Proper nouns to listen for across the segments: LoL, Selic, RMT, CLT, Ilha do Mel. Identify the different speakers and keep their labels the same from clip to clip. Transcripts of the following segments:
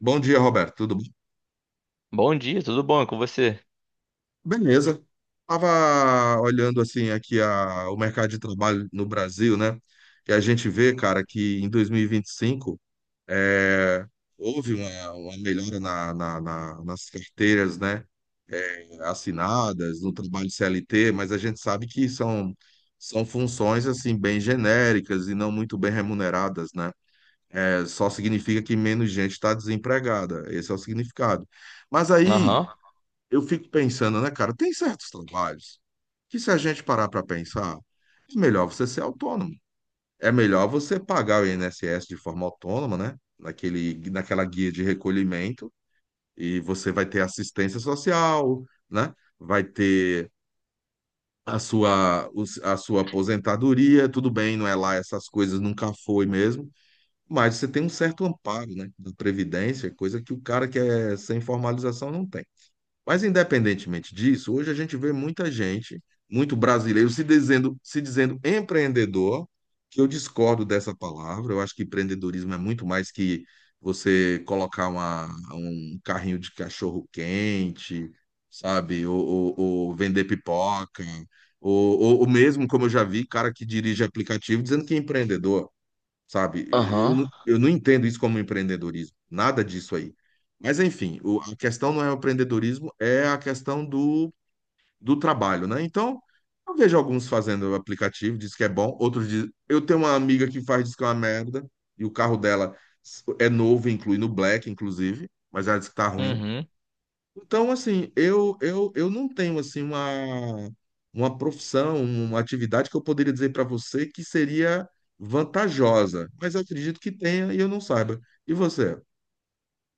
Speaker 1: Bom dia, Roberto. Tudo bom?
Speaker 2: Bom dia, tudo bom? É com você?
Speaker 1: Beleza. Tava olhando assim aqui o mercado de trabalho no Brasil, né? E a gente vê, cara, que em 2025 é, houve uma melhora nas carteiras, né? Assinadas no trabalho CLT, mas a gente sabe que são funções assim bem genéricas e não muito bem remuneradas, né? É, só significa que menos gente está desempregada. Esse é o significado. Mas aí
Speaker 2: Aham,
Speaker 1: eu fico pensando, né, cara? Tem certos trabalhos que, se a gente parar para pensar, é melhor você ser autônomo. É melhor você pagar o INSS de forma autônoma, né? Naquela guia de recolhimento, e você vai ter assistência social, né? Vai ter a sua, a sua aposentadoria, tudo bem, não é lá essas coisas, nunca foi mesmo, mas você tem um certo amparo, né? Da Previdência, coisa que o cara que é sem formalização não tem. Mas independentemente disso, hoje a gente vê muita gente, muito brasileiro, se dizendo empreendedor, que eu discordo dessa palavra. Eu acho que empreendedorismo é muito mais que você colocar um carrinho de cachorro quente, sabe? Ou vender pipoca. Ou mesmo, como eu já vi, cara que dirige aplicativo dizendo que é empreendedor, sabe?
Speaker 2: aham,
Speaker 1: Eu não entendo isso como empreendedorismo, nada disso aí. Mas, enfim, a questão não é o empreendedorismo, é a questão do trabalho, né? Então, eu vejo alguns fazendo o aplicativo, diz que é bom, outros diz... Eu tenho uma amiga que faz, diz que é uma merda, e o carro dela é novo, inclui no Black, inclusive, mas ela diz que tá ruim.
Speaker 2: uhum.
Speaker 1: Então, assim, eu não tenho assim uma profissão, uma atividade que eu poderia dizer para você que seria vantajosa, mas eu acredito que tenha e eu não saiba. E você?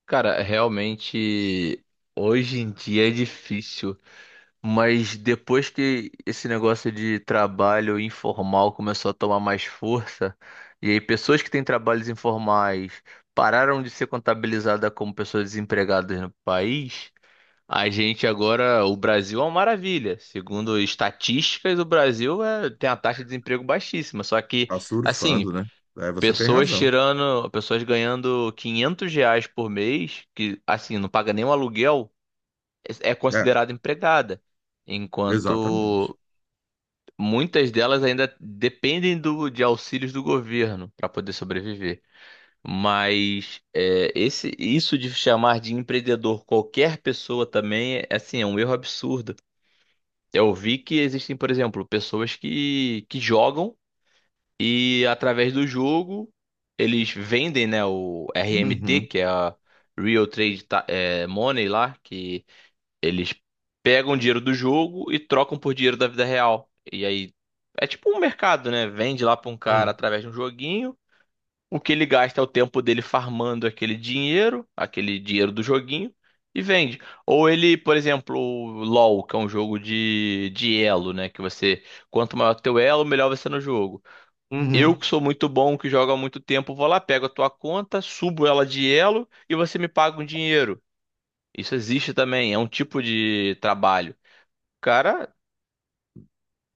Speaker 2: Cara, realmente hoje em dia é difícil, mas depois que esse negócio de trabalho informal começou a tomar mais força, e aí pessoas que têm trabalhos informais pararam de ser contabilizadas como pessoas desempregadas no país, a gente agora, o Brasil é uma maravilha. Segundo estatísticas, o Brasil tem a taxa de desemprego baixíssima, só que
Speaker 1: Tá
Speaker 2: assim,
Speaker 1: surfando, né? É, você tem
Speaker 2: pessoas
Speaker 1: razão.
Speaker 2: tirando, pessoas ganhando R$ 500 por mês, que assim, não paga nem o aluguel, é
Speaker 1: É,
Speaker 2: considerada empregada.
Speaker 1: exatamente.
Speaker 2: Enquanto muitas delas ainda dependem de auxílios do governo para poder sobreviver. Mas isso de chamar de empreendedor qualquer pessoa também é assim, é um erro absurdo. Eu vi que existem, por exemplo, pessoas que jogam e através do jogo, eles vendem, né, o RMT,
Speaker 1: Uhum,
Speaker 2: que é a Real Money lá, que eles pegam dinheiro do jogo e trocam por dinheiro da vida real. E aí é tipo um mercado, né? Vende lá pra um cara
Speaker 1: uhum,
Speaker 2: através de um joguinho. O que ele gasta é o tempo dele farmando aquele dinheiro do joguinho, e vende. Ou ele, por exemplo, o LoL, que é um jogo de elo, né? Quanto maior o teu elo, melhor você é no jogo. Eu
Speaker 1: uhum,
Speaker 2: que sou muito bom, que jogo há muito tempo, vou lá, pego a tua conta, subo ela de elo e você me paga um dinheiro. Isso existe também, é um tipo de trabalho. O cara,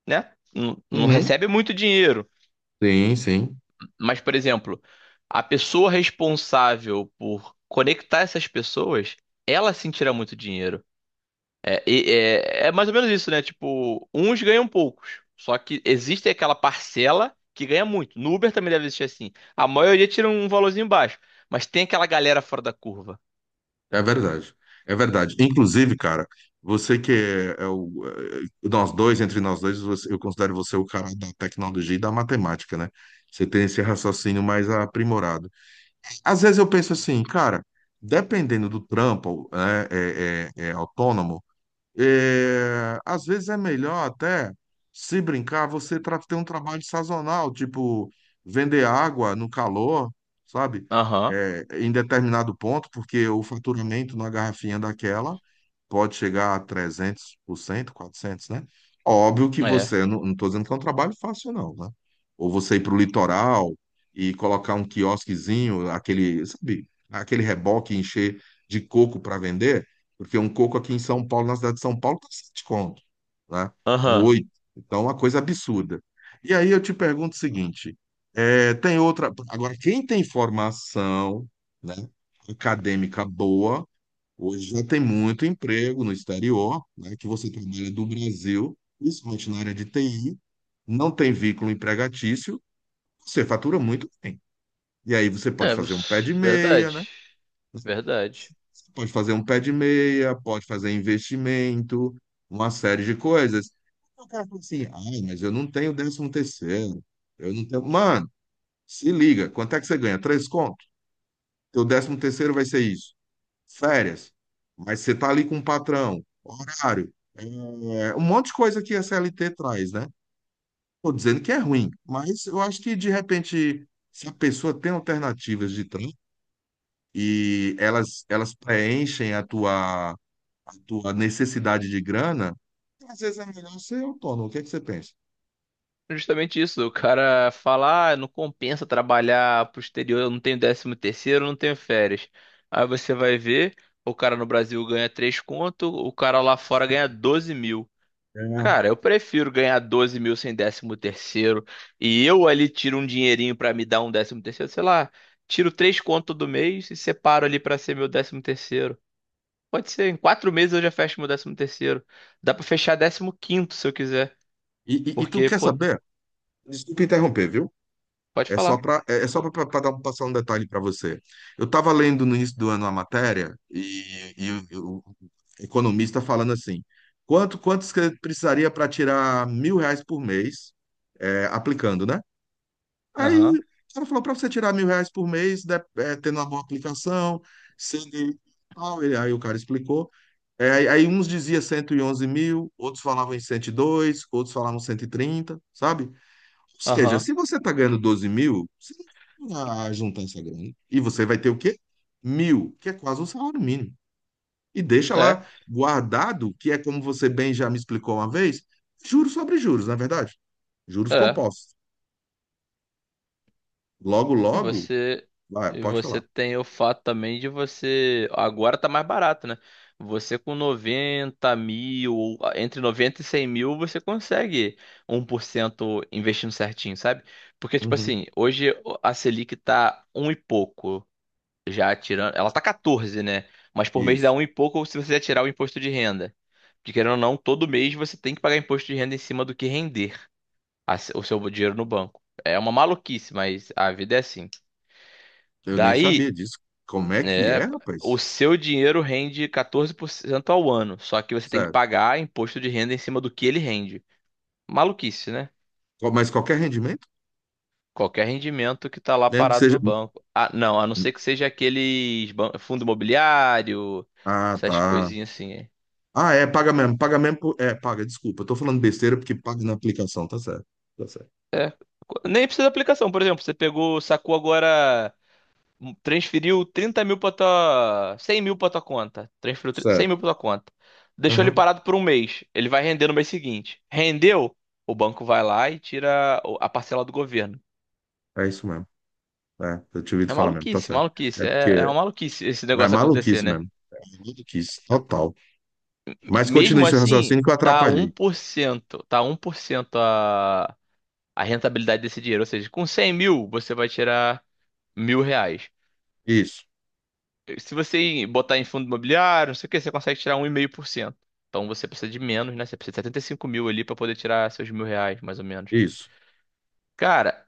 Speaker 2: né, não
Speaker 1: uhum.
Speaker 2: recebe muito dinheiro,
Speaker 1: Sim, sim.
Speaker 2: mas, por exemplo, a pessoa responsável por conectar essas pessoas, ela sim tira muito dinheiro. É mais ou menos isso, né? Tipo, uns ganham poucos. Só que existe aquela parcela que ganha muito. No Uber também deve existir assim. A maioria tira um valorzinho baixo. Mas tem aquela galera fora da curva.
Speaker 1: É verdade. É verdade. Inclusive, cara, você que é, é o. É, nós dois, entre nós dois, eu considero você o cara da tecnologia e da matemática, né? Você tem esse raciocínio mais aprimorado. Às vezes eu penso assim, cara, dependendo do trampo, né, é autônomo, é, às vezes é melhor até, se brincar, você ter um trabalho sazonal, tipo vender água no calor, sabe?
Speaker 2: Aham,
Speaker 1: É, em determinado ponto, porque o faturamento na garrafinha daquela pode chegar a 300%, 400%, né? Óbvio que
Speaker 2: é.
Speaker 1: você, não, não estou dizendo que é um trabalho fácil, não, né? Ou você ir para o litoral e colocar um quiosquezinho, aquele, sabe? Aquele reboque, encher de coco para vender. Porque um coco aqui em São Paulo, na cidade de São Paulo, tá 7 conto, né? Um
Speaker 2: Aham.
Speaker 1: 8. Então, é uma coisa absurda. E aí eu te pergunto o seguinte, é, tem outra... Agora, quem tem formação, né, acadêmica boa, hoje já tem muito emprego no exterior, né, que você trabalha do Brasil, principalmente na área de TI, não tem vínculo empregatício, você fatura muito bem. E aí você pode
Speaker 2: É,
Speaker 1: fazer um pé de meia,
Speaker 2: verdade.
Speaker 1: né.
Speaker 2: Verdade.
Speaker 1: Pode fazer um pé de meia, pode fazer investimento, uma série de coisas. O cara fala assim, ai, mas eu não tenho décimo terceiro, eu não tenho... Mano, se liga, quanto é que você ganha? Três contos? Teu décimo terceiro vai ser isso. Férias. Mas você tá ali com o patrão, horário, é, um monte de coisa que a CLT traz, né? Tô dizendo que é ruim, mas eu acho que, de repente, se a pessoa tem alternativas de trampo e elas preenchem a tua necessidade de grana, às vezes é melhor ser autônomo. O que é que você pensa?
Speaker 2: Justamente isso. O cara fala, ah, não compensa trabalhar pro exterior, eu não tenho décimo terceiro, eu não tenho férias. Aí você vai ver, o cara no Brasil ganha 3 conto, o cara lá fora ganha 12.000.
Speaker 1: É.
Speaker 2: Cara, eu prefiro ganhar 12.000 sem décimo terceiro e eu ali tiro um dinheirinho pra me dar um décimo terceiro, sei lá, tiro três conto do mês e separo ali pra ser meu décimo terceiro. Pode ser, em quatro meses eu já fecho meu décimo terceiro. Dá pra fechar décimo quinto se eu quiser,
Speaker 1: E tu
Speaker 2: porque,
Speaker 1: quer
Speaker 2: pô,
Speaker 1: saber? Desculpa interromper, viu?
Speaker 2: pode
Speaker 1: É só
Speaker 2: falar.
Speaker 1: para é é só para dar passar um detalhe para você. Eu estava lendo no início do ano a matéria e o economista falando assim, quantos que precisaria para tirar mil reais por mês aplicando, né? Aí
Speaker 2: Aham,
Speaker 1: ela falou para você tirar mil reais por mês, tendo uma boa aplicação, sendo e tal. Aí o cara explicou. É, aí uns diziam 111.000, outros falavam em 102, outros falavam 130, sabe? Ou seja,
Speaker 2: aham,
Speaker 1: se você está ganhando 12.000, você não vai juntar essa grana. E você vai ter o quê? Mil, que é quase um salário mínimo. E deixa
Speaker 2: é,
Speaker 1: lá guardado, que é como você bem já me explicou uma vez, juros sobre juros, não é verdade? Juros
Speaker 2: é.
Speaker 1: compostos. Logo,
Speaker 2: E
Speaker 1: logo, vai,
Speaker 2: e
Speaker 1: pode
Speaker 2: você
Speaker 1: falar.
Speaker 2: tem o fato também de você. Agora tá mais barato, né? Você com 90.000, ou ah, entre 90 e 100.000, você consegue 1% investindo certinho, sabe? Porque, tipo
Speaker 1: Uhum,
Speaker 2: assim, hoje a Selic tá um e pouco, já tirando. Ela tá 14, né? Mas por mês dá
Speaker 1: isso.
Speaker 2: um e pouco se você já tirar o imposto de renda. Porque, querendo ou não, todo mês você tem que pagar imposto de renda em cima do que render o seu dinheiro no banco. É uma maluquice, mas a vida é assim.
Speaker 1: Eu nem sabia
Speaker 2: Daí,
Speaker 1: disso. Como é que é,
Speaker 2: é, o
Speaker 1: rapaz?
Speaker 2: seu dinheiro rende 14% ao ano, só que você tem que
Speaker 1: Certo.
Speaker 2: pagar imposto de renda em cima do que ele rende. Maluquice, né?
Speaker 1: Mas qualquer rendimento?
Speaker 2: Qualquer rendimento que tá lá
Speaker 1: Mesmo que
Speaker 2: parado
Speaker 1: seja.
Speaker 2: no banco. Ah, não, a não ser que seja fundo imobiliário,
Speaker 1: Ah,
Speaker 2: essas
Speaker 1: tá.
Speaker 2: coisinhas assim. É.
Speaker 1: Ah, é, paga mesmo. Paga mesmo. É, paga, desculpa. Eu tô falando besteira porque paga na aplicação, tá certo. Tá certo.
Speaker 2: É, nem precisa de aplicação, por exemplo, você pegou, sacou agora, Transferiu 30 mil pra tua. 100 mil pra tua conta. 100
Speaker 1: Certo.
Speaker 2: mil pra tua conta. Deixou ele
Speaker 1: Uhum.
Speaker 2: parado por um mês. Ele vai render no mês seguinte. Rendeu? O banco vai lá e tira a parcela do governo.
Speaker 1: É isso mesmo. É, eu tinha ouvido
Speaker 2: É
Speaker 1: falar mesmo, tá
Speaker 2: maluquice,
Speaker 1: certo. É
Speaker 2: maluquice. É, é
Speaker 1: porque.
Speaker 2: uma maluquice esse
Speaker 1: Mas é
Speaker 2: negócio acontecer,
Speaker 1: maluquice
Speaker 2: né?
Speaker 1: mesmo. É maluquice, total.
Speaker 2: E
Speaker 1: Mas
Speaker 2: mesmo
Speaker 1: continue seu
Speaker 2: assim,
Speaker 1: raciocínio que eu
Speaker 2: tá um
Speaker 1: atrapalhei.
Speaker 2: por cento A rentabilidade desse dinheiro. Ou seja, com 100.000, você vai tirar R$ 1.000.
Speaker 1: Isso,
Speaker 2: Se você botar em fundo imobiliário, não sei o que, você consegue tirar 1,5%. Então você precisa de menos, né? Você precisa de 75.000 ali pra poder tirar seus R$ 1.000, mais ou menos.
Speaker 1: isso.
Speaker 2: Cara,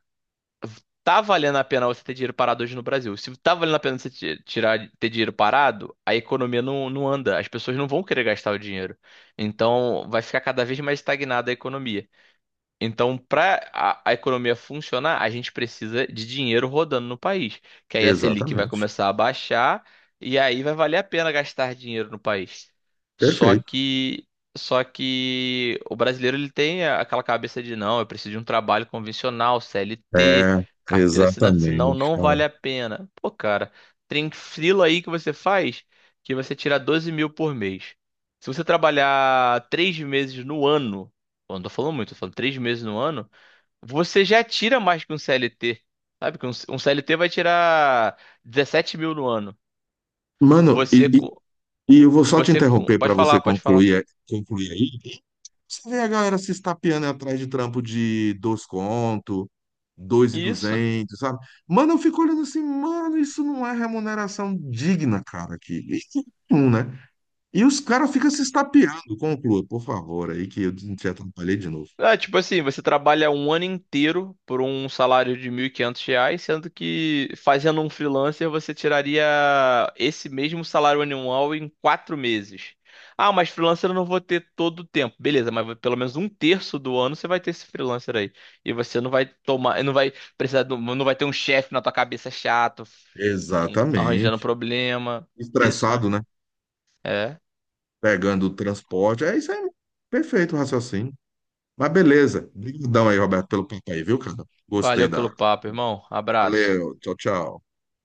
Speaker 2: tá valendo a pena você ter dinheiro parado hoje no Brasil. Se tá valendo a pena tirar, ter dinheiro parado, a economia não anda. As pessoas não vão querer gastar o dinheiro. Então vai ficar cada vez mais estagnada a economia. Então, para a economia funcionar, a gente precisa de dinheiro rodando no país, que aí a Selic vai
Speaker 1: Exatamente.
Speaker 2: começar a baixar e aí vai valer a pena gastar dinheiro no país. Só
Speaker 1: Perfeito.
Speaker 2: que só que o brasileiro ele tem aquela cabeça de não, eu preciso de um trabalho convencional, CLT,
Speaker 1: É,
Speaker 2: carteira assinada, senão
Speaker 1: exatamente.
Speaker 2: não
Speaker 1: Ó.
Speaker 2: vale a pena. Pô, cara, tem frila aí que você faz que você tira 12 mil por mês. Se você trabalhar três meses no ano, eu não tô falando muito, tô falando três meses no ano, você já tira mais que um CLT. Sabe que um CLT vai tirar 17 mil no ano.
Speaker 1: Mano,
Speaker 2: Você,
Speaker 1: e,
Speaker 2: com,
Speaker 1: E eu vou só te interromper
Speaker 2: pode
Speaker 1: para você
Speaker 2: falar, pode falar.
Speaker 1: concluir, concluir aí. Você vê a galera se estapeando atrás de trampo de dois conto, dois e
Speaker 2: Isso.
Speaker 1: duzentos, sabe? Mano, eu fico olhando assim, mano, isso não é remuneração digna, cara, aqui. Nenhum, né? E os caras ficam se estapeando. Conclua, por favor, aí que eu te atrapalhei de novo.
Speaker 2: É, tipo assim, você trabalha um ano inteiro por um salário de R$ 1.500, sendo que fazendo um freelancer você tiraria esse mesmo salário anual em quatro meses. Ah, mas freelancer eu não vou ter todo o tempo. Beleza, mas pelo menos um terço do ano você vai ter esse freelancer aí. E você não vai tomar, não vai ter um chefe na tua cabeça chato, arranjando
Speaker 1: Exatamente.
Speaker 2: problema. Isso,
Speaker 1: Estressado,
Speaker 2: né?
Speaker 1: né?
Speaker 2: É.
Speaker 1: Pegando o transporte. É isso aí. Perfeito o raciocínio. Mas beleza. Obrigadão aí, Roberto, pelo papo aí, viu, cara? Gostei
Speaker 2: Valeu pelo
Speaker 1: da.
Speaker 2: papo, irmão. Abraço.
Speaker 1: Valeu, tchau, tchau.